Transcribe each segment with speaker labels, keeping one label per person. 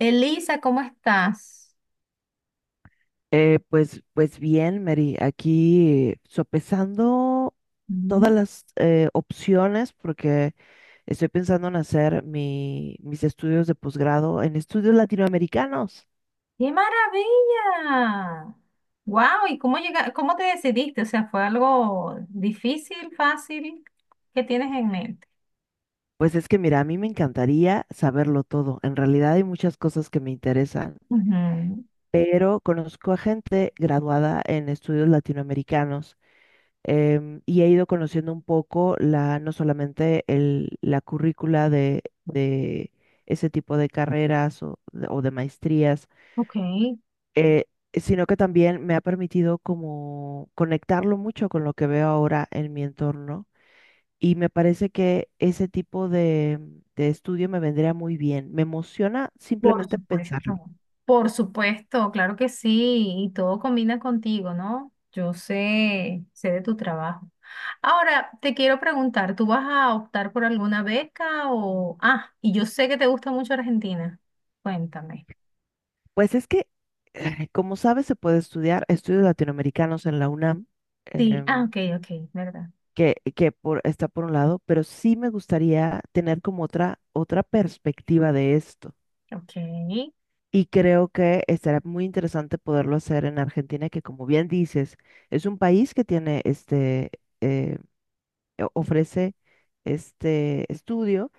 Speaker 1: Elisa, ¿cómo estás?
Speaker 2: Pues bien, Mary, aquí sopesando todas
Speaker 1: Mm.
Speaker 2: las opciones porque estoy pensando en hacer mis estudios de posgrado en estudios latinoamericanos.
Speaker 1: ¡Qué maravilla! ¡Wow! ¿Y cómo llega, cómo te decidiste? O sea, ¿fue algo difícil, fácil? ¿Qué tienes en mente?
Speaker 2: Pues es que, mira, a mí me encantaría saberlo todo. En realidad hay muchas cosas que me interesan,
Speaker 1: Ujú.
Speaker 2: pero conozco a gente graduada en estudios latinoamericanos, y he ido conociendo un poco la, no solamente el, la currícula de ese tipo de carreras o de maestrías,
Speaker 1: Ok,
Speaker 2: eh, sino que también me ha permitido como conectarlo mucho con lo que veo ahora en mi entorno. Y me parece que ese tipo de estudio me vendría muy bien. Me emociona
Speaker 1: por
Speaker 2: simplemente pensarlo.
Speaker 1: supuesto. Por supuesto, claro que sí, y todo combina contigo, ¿no? Yo sé de tu trabajo. Ahora, te quiero preguntar, ¿tú vas a optar por alguna beca o... ah, y yo sé que te gusta mucho Argentina. Cuéntame.
Speaker 2: Pues es que, como sabes, se puede estudiar estudios latinoamericanos en la UNAM.
Speaker 1: Sí, ah,
Speaker 2: em,
Speaker 1: ok, ok, verdad.
Speaker 2: Está por un lado, pero sí me gustaría tener como otra, otra perspectiva de esto.
Speaker 1: Ok,
Speaker 2: Y creo que estará muy interesante poderlo hacer en Argentina, que como bien dices, es un país que tiene eh, ofrece este estudio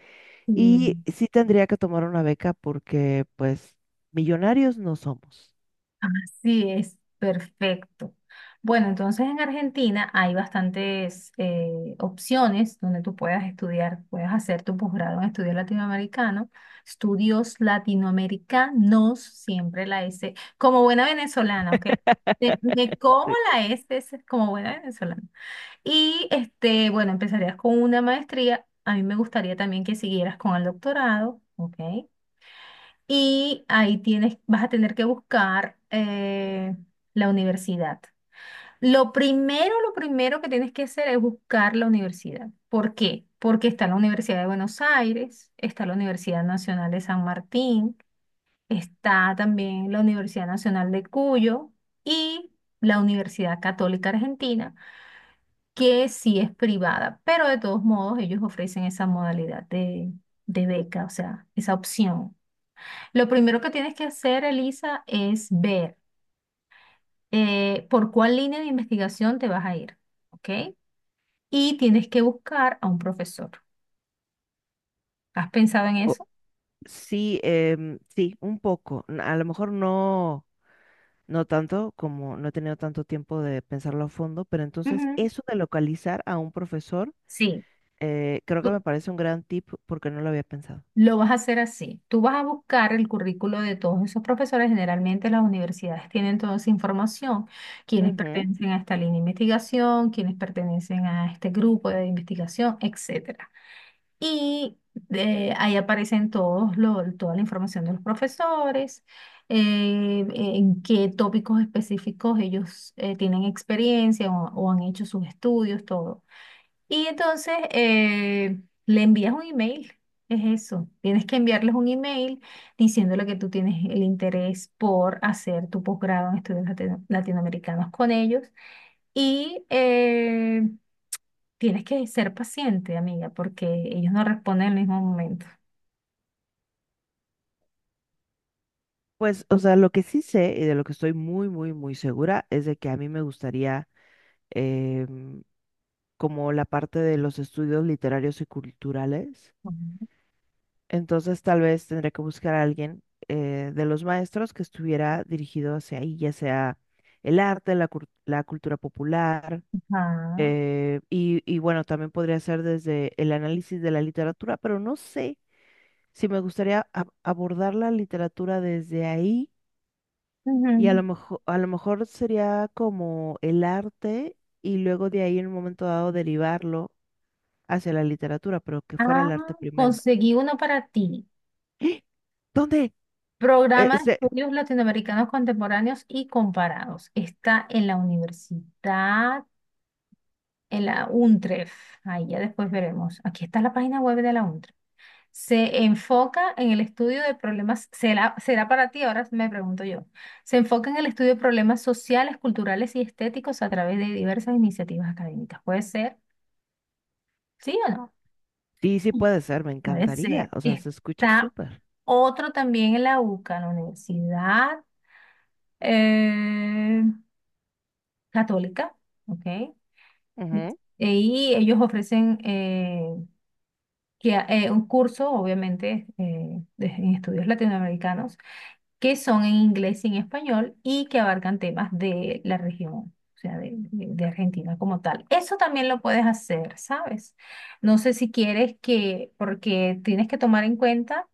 Speaker 2: y
Speaker 1: y
Speaker 2: sí tendría que tomar una beca porque pues millonarios no somos.
Speaker 1: así es, perfecto. Bueno, entonces en Argentina hay bastantes opciones donde tú puedas estudiar, puedes hacer tu posgrado en estudios latinoamericanos, siempre la S, como buena venezolana, ¿ok? Me como
Speaker 2: Sí,
Speaker 1: la S, es como buena venezolana. Y este, bueno, empezarías con una maestría. A mí me gustaría también que siguieras con el doctorado, ¿ok? Y ahí tienes, vas a tener que buscar la universidad. Lo primero que tienes que hacer es buscar la universidad. ¿Por qué? Porque está la Universidad de Buenos Aires, está la Universidad Nacional de San Martín, está también la Universidad Nacional de Cuyo y la Universidad Católica Argentina, que sí es privada, pero de todos modos ellos ofrecen esa modalidad de beca, o sea, esa opción. Lo primero que tienes que hacer, Elisa, es ver por cuál línea de investigación te vas a ir, ¿ok? Y tienes que buscar a un profesor. ¿Has pensado en
Speaker 2: o-
Speaker 1: eso?
Speaker 2: sí, sí, un poco. A lo mejor no. No tanto, como no he tenido tanto tiempo de pensarlo a fondo, pero entonces
Speaker 1: Ujú.
Speaker 2: eso de localizar a un profesor,
Speaker 1: Sí,
Speaker 2: creo que
Speaker 1: tú-
Speaker 2: me parece un gran tip porque no lo había pensado.
Speaker 1: lo vas a hacer así. Tú vas a buscar el currículo de todos esos profesores. Generalmente las universidades tienen toda esa información, quienes
Speaker 2: Ujú.
Speaker 1: pertenecen a esta línea de investigación, quienes pertenecen a este grupo de investigación, etcétera. Y ahí aparecen toda la información de los profesores, en qué tópicos específicos ellos tienen experiencia o han hecho sus estudios, todo. Y entonces le envías un email, es eso. Tienes que enviarles un email diciéndole que tú tienes el interés por hacer tu posgrado en estudios latinoamericanos con ellos. Y tienes que ser paciente, amiga, porque ellos no responden en el mismo momento.
Speaker 2: Pues, o sea, lo que sí sé y de lo que estoy muy, muy, muy segura es de que a mí me gustaría, em, como la parte de los estudios literarios y culturales.
Speaker 1: Ujú.
Speaker 2: Entonces, tal vez tendré que buscar a alguien, de los maestros que estuviera dirigido hacia ahí, ya sea el arte, la cultura popular.
Speaker 1: Ah,
Speaker 2: Y bueno, también podría ser desde el análisis de la literatura, pero no sé si me gustaría abordar la literatura desde ahí, y
Speaker 1: ujú.
Speaker 2: a lo mejor sería como el arte y luego de ahí en un momento dado derivarlo hacia la literatura, pero que fuera
Speaker 1: Ah,
Speaker 2: el arte primero.
Speaker 1: conseguí uno para ti.
Speaker 2: ¡Ah! ¿Dónde? Eh,
Speaker 1: Programa de
Speaker 2: este-
Speaker 1: Estudios Latinoamericanos Contemporáneos y Comparados. Está en la universidad, en la UNTREF. Ahí ya después veremos. Aquí está la página web de la UNTREF. Se enfoca en el estudio de problemas, será, será para ti, ahora me pregunto yo. Se enfoca en el estudio de problemas sociales, culturales y estéticos a través de diversas iniciativas académicas. ¿Puede ser? ¿Sí o no?
Speaker 2: sí, sí puede ser, me
Speaker 1: Puede
Speaker 2: encantaría.
Speaker 1: ser.
Speaker 2: O sea, se escucha
Speaker 1: Está
Speaker 2: súper.
Speaker 1: otro también en la UCA, en la universidad. eh, católica, ¿ok?
Speaker 2: Ujú.
Speaker 1: Y ellos ofrecen que, un curso, obviamente, en estudios latinoamericanos, que son en inglés y en español y que abarcan temas de la región, o sea, de Argentina como tal. Eso también lo puedes hacer, ¿sabes? No sé si quieres que, porque tienes que tomar en cuenta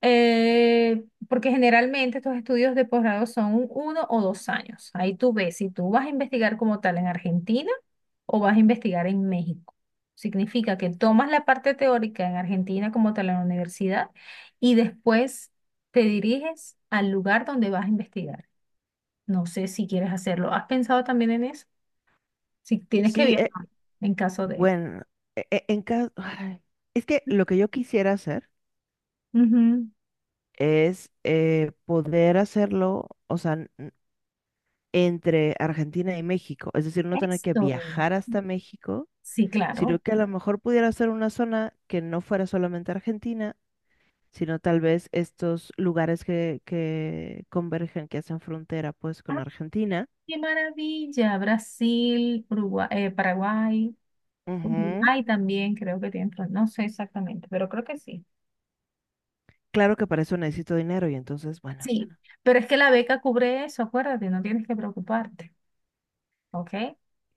Speaker 1: porque generalmente estos estudios de posgrado son uno o dos años. Ahí tú ves si tú vas a investigar como tal en Argentina o vas a investigar en México. Significa que tomas la parte teórica en Argentina como tal en la universidad y después te diriges al lugar donde vas a investigar. No sé si quieres hacerlo. ¿Has pensado también en eso? Si tienes que
Speaker 2: Sí,
Speaker 1: viajar en caso de...
Speaker 2: bueno, en caso... Es que lo que yo quisiera hacer
Speaker 1: Ujú.
Speaker 2: es, poder hacerlo, o sea, entre Argentina y México, es decir, no tener que
Speaker 1: Esto.
Speaker 2: viajar hasta México,
Speaker 1: Sí,
Speaker 2: sino
Speaker 1: claro.
Speaker 2: que a lo mejor pudiera ser una zona que no fuera solamente Argentina, sino tal vez estos lugares que convergen, que hacen frontera pues con Argentina.
Speaker 1: Qué maravilla, Brasil, Paraguay,
Speaker 2: Ujú.
Speaker 1: Uruguay también creo que tiene, no sé exactamente, pero creo que sí.
Speaker 2: Claro que para eso necesito dinero y entonces, bueno,
Speaker 1: Sí, pero es que la beca cubre eso, acuérdate, no tienes que preocuparte, ¿ok?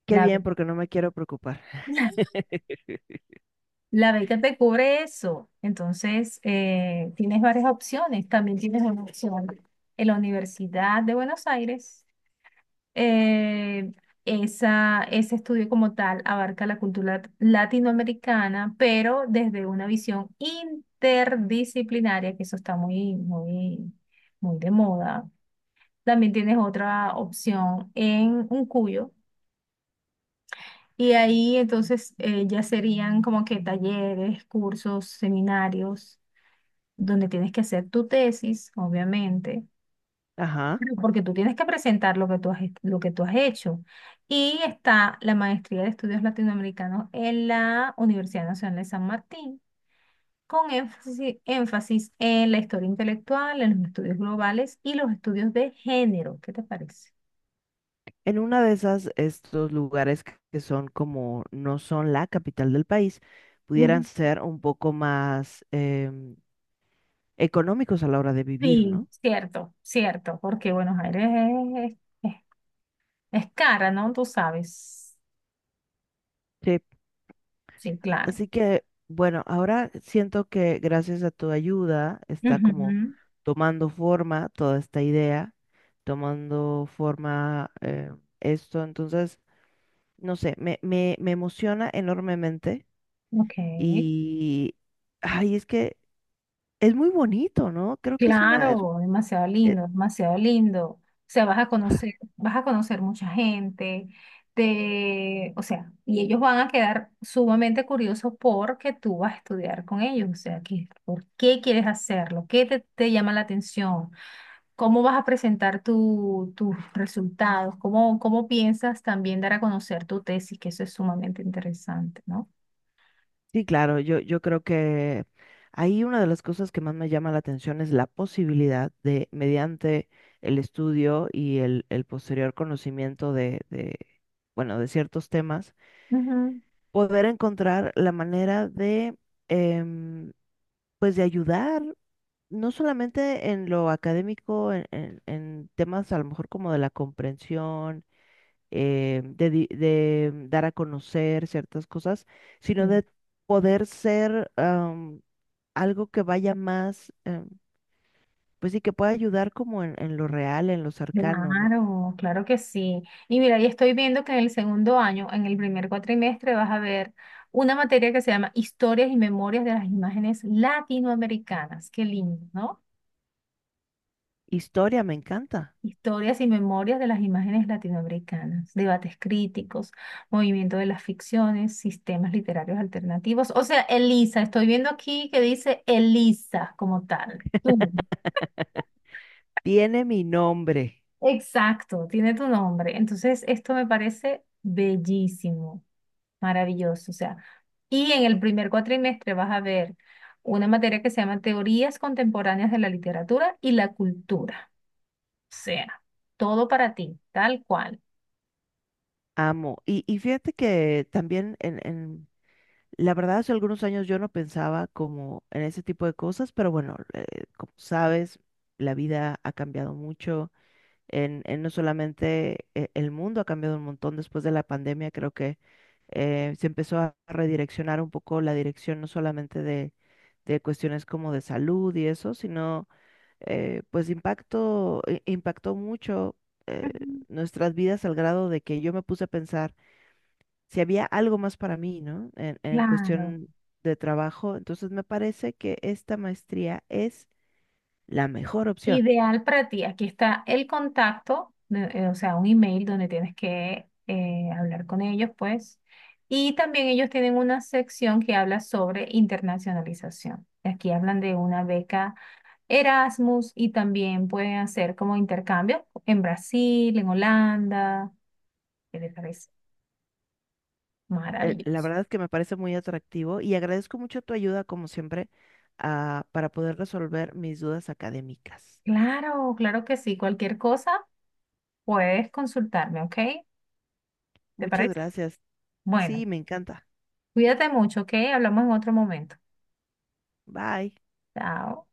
Speaker 2: qué
Speaker 1: La,
Speaker 2: bien porque no me quiero preocupar.
Speaker 1: la beca te cubre eso, entonces tienes varias opciones, también tienes una opción en la Universidad de Buenos Aires, eh, esa, ese estudio como tal abarca la cultura latinoamericana, pero desde una visión interdisciplinaria, que eso está muy, muy de moda. También tienes otra opción en un cuyo. Y ahí entonces ya serían como que talleres, cursos, seminarios, donde tienes que hacer tu tesis, obviamente.
Speaker 2: Ajá.
Speaker 1: Porque tú tienes que presentar lo que tú has hecho. Y está la maestría de estudios latinoamericanos en la Universidad Nacional de San Martín, con énfasis en la historia intelectual, en los estudios globales y los estudios de género. ¿Qué te parece?
Speaker 2: En una de esas, estos lugares que son como no son la capital del país,
Speaker 1: Mm,
Speaker 2: pudieran ser un poco más, económicos a la hora de vivir,
Speaker 1: sí,
Speaker 2: ¿no?
Speaker 1: cierto, cierto, porque Buenos Aires es, es- es cara, ¿no? Tú sabes.
Speaker 2: Sí.
Speaker 1: Sí, claro.
Speaker 2: Así que, bueno, ahora siento que gracias a tu ayuda está como
Speaker 1: Ujú,
Speaker 2: tomando forma toda esta idea, tomando forma, esto. Entonces, no sé, me emociona enormemente
Speaker 1: ok.
Speaker 2: y, ay, es que es muy bonito, ¿no? Creo que es una...
Speaker 1: Claro, demasiado
Speaker 2: Eh,
Speaker 1: lindo, demasiado lindo. O sea, vas a conocer mucha gente, te, o sea, y ellos van a quedar sumamente curiosos porque tú vas a estudiar con ellos. O sea, que, ¿por qué quieres hacerlo? ¿Qué te llama la atención? ¿Cómo vas a presentar tus resultados? Cómo piensas también dar a conocer tu tesis? Que eso es sumamente interesante, ¿no?
Speaker 2: Sí, claro, yo creo que ahí una de las cosas que más me llama la atención es la posibilidad de, mediante el estudio y el posterior conocimiento de bueno, de ciertos temas, poder encontrar la manera de, em, pues, de ayudar no solamente en lo académico, en temas a lo mejor como de la comprensión, de dar a conocer ciertas cosas, sino
Speaker 1: Ujú.
Speaker 2: de poder ser, algo que vaya más, pues sí, que pueda ayudar como en lo real, en lo cercano, ¿no?
Speaker 1: Claro, claro que sí. Y mira, y estoy viendo que en el segundo año, en el primer cuatrimestre, vas a ver una materia que se llama Historias y Memorias de las Imágenes Latinoamericanas. Qué lindo, ¿no?
Speaker 2: Historia, me encanta.
Speaker 1: Historias y Memorias de las Imágenes Latinoamericanas, debates críticos, movimiento de las ficciones, sistemas literarios alternativos. O sea, Elisa, estoy viendo aquí que dice Elisa como tal. Tú.
Speaker 2: Tiene mi nombre,
Speaker 1: Exacto, tiene tu nombre. Entonces, esto me parece bellísimo. Maravilloso, o sea. Y en el primer cuatrimestre vas a ver una materia que se llama Teorías Contemporáneas de la Literatura y la Cultura. O sea, todo para ti, tal cual.
Speaker 2: amo. Y fíjate que también... La verdad, hace algunos años yo no pensaba como en ese tipo de cosas, pero bueno, como sabes, la vida ha cambiado mucho. En no solamente el mundo ha cambiado un montón después de la pandemia, creo que, se empezó a redireccionar un poco la dirección, no solamente de cuestiones como de salud y eso, sino, pues impactó mucho, eh,
Speaker 1: Ujú.
Speaker 2: nuestras vidas al grado de que yo me puse a pensar si había algo más para mí, ¿no? En
Speaker 1: Claro.
Speaker 2: cuestión de trabajo. Entonces me parece que esta maestría es la mejor opción.
Speaker 1: Ideal para ti. Aquí está el contacto, o sea, un email donde tienes que hablar con ellos, pues. Y también ellos tienen una sección que habla sobre internacionalización. Aquí hablan de una beca Erasmus y también pueden hacer como intercambio en Brasil, en Holanda. ¿Qué les parece?
Speaker 2: La
Speaker 1: Maravilloso.
Speaker 2: verdad es que me parece muy atractivo y agradezco mucho tu ayuda, como siempre, para poder resolver mis dudas académicas.
Speaker 1: Claro, claro que sí. Cualquier cosa puedes consultarme, ¿ok? ¿Te
Speaker 2: Muchas
Speaker 1: parece?
Speaker 2: gracias.
Speaker 1: Bueno,
Speaker 2: Sí, me encanta.
Speaker 1: cuídate mucho, ¿ok? Hablamos en otro momento.
Speaker 2: Bye.
Speaker 1: Chao.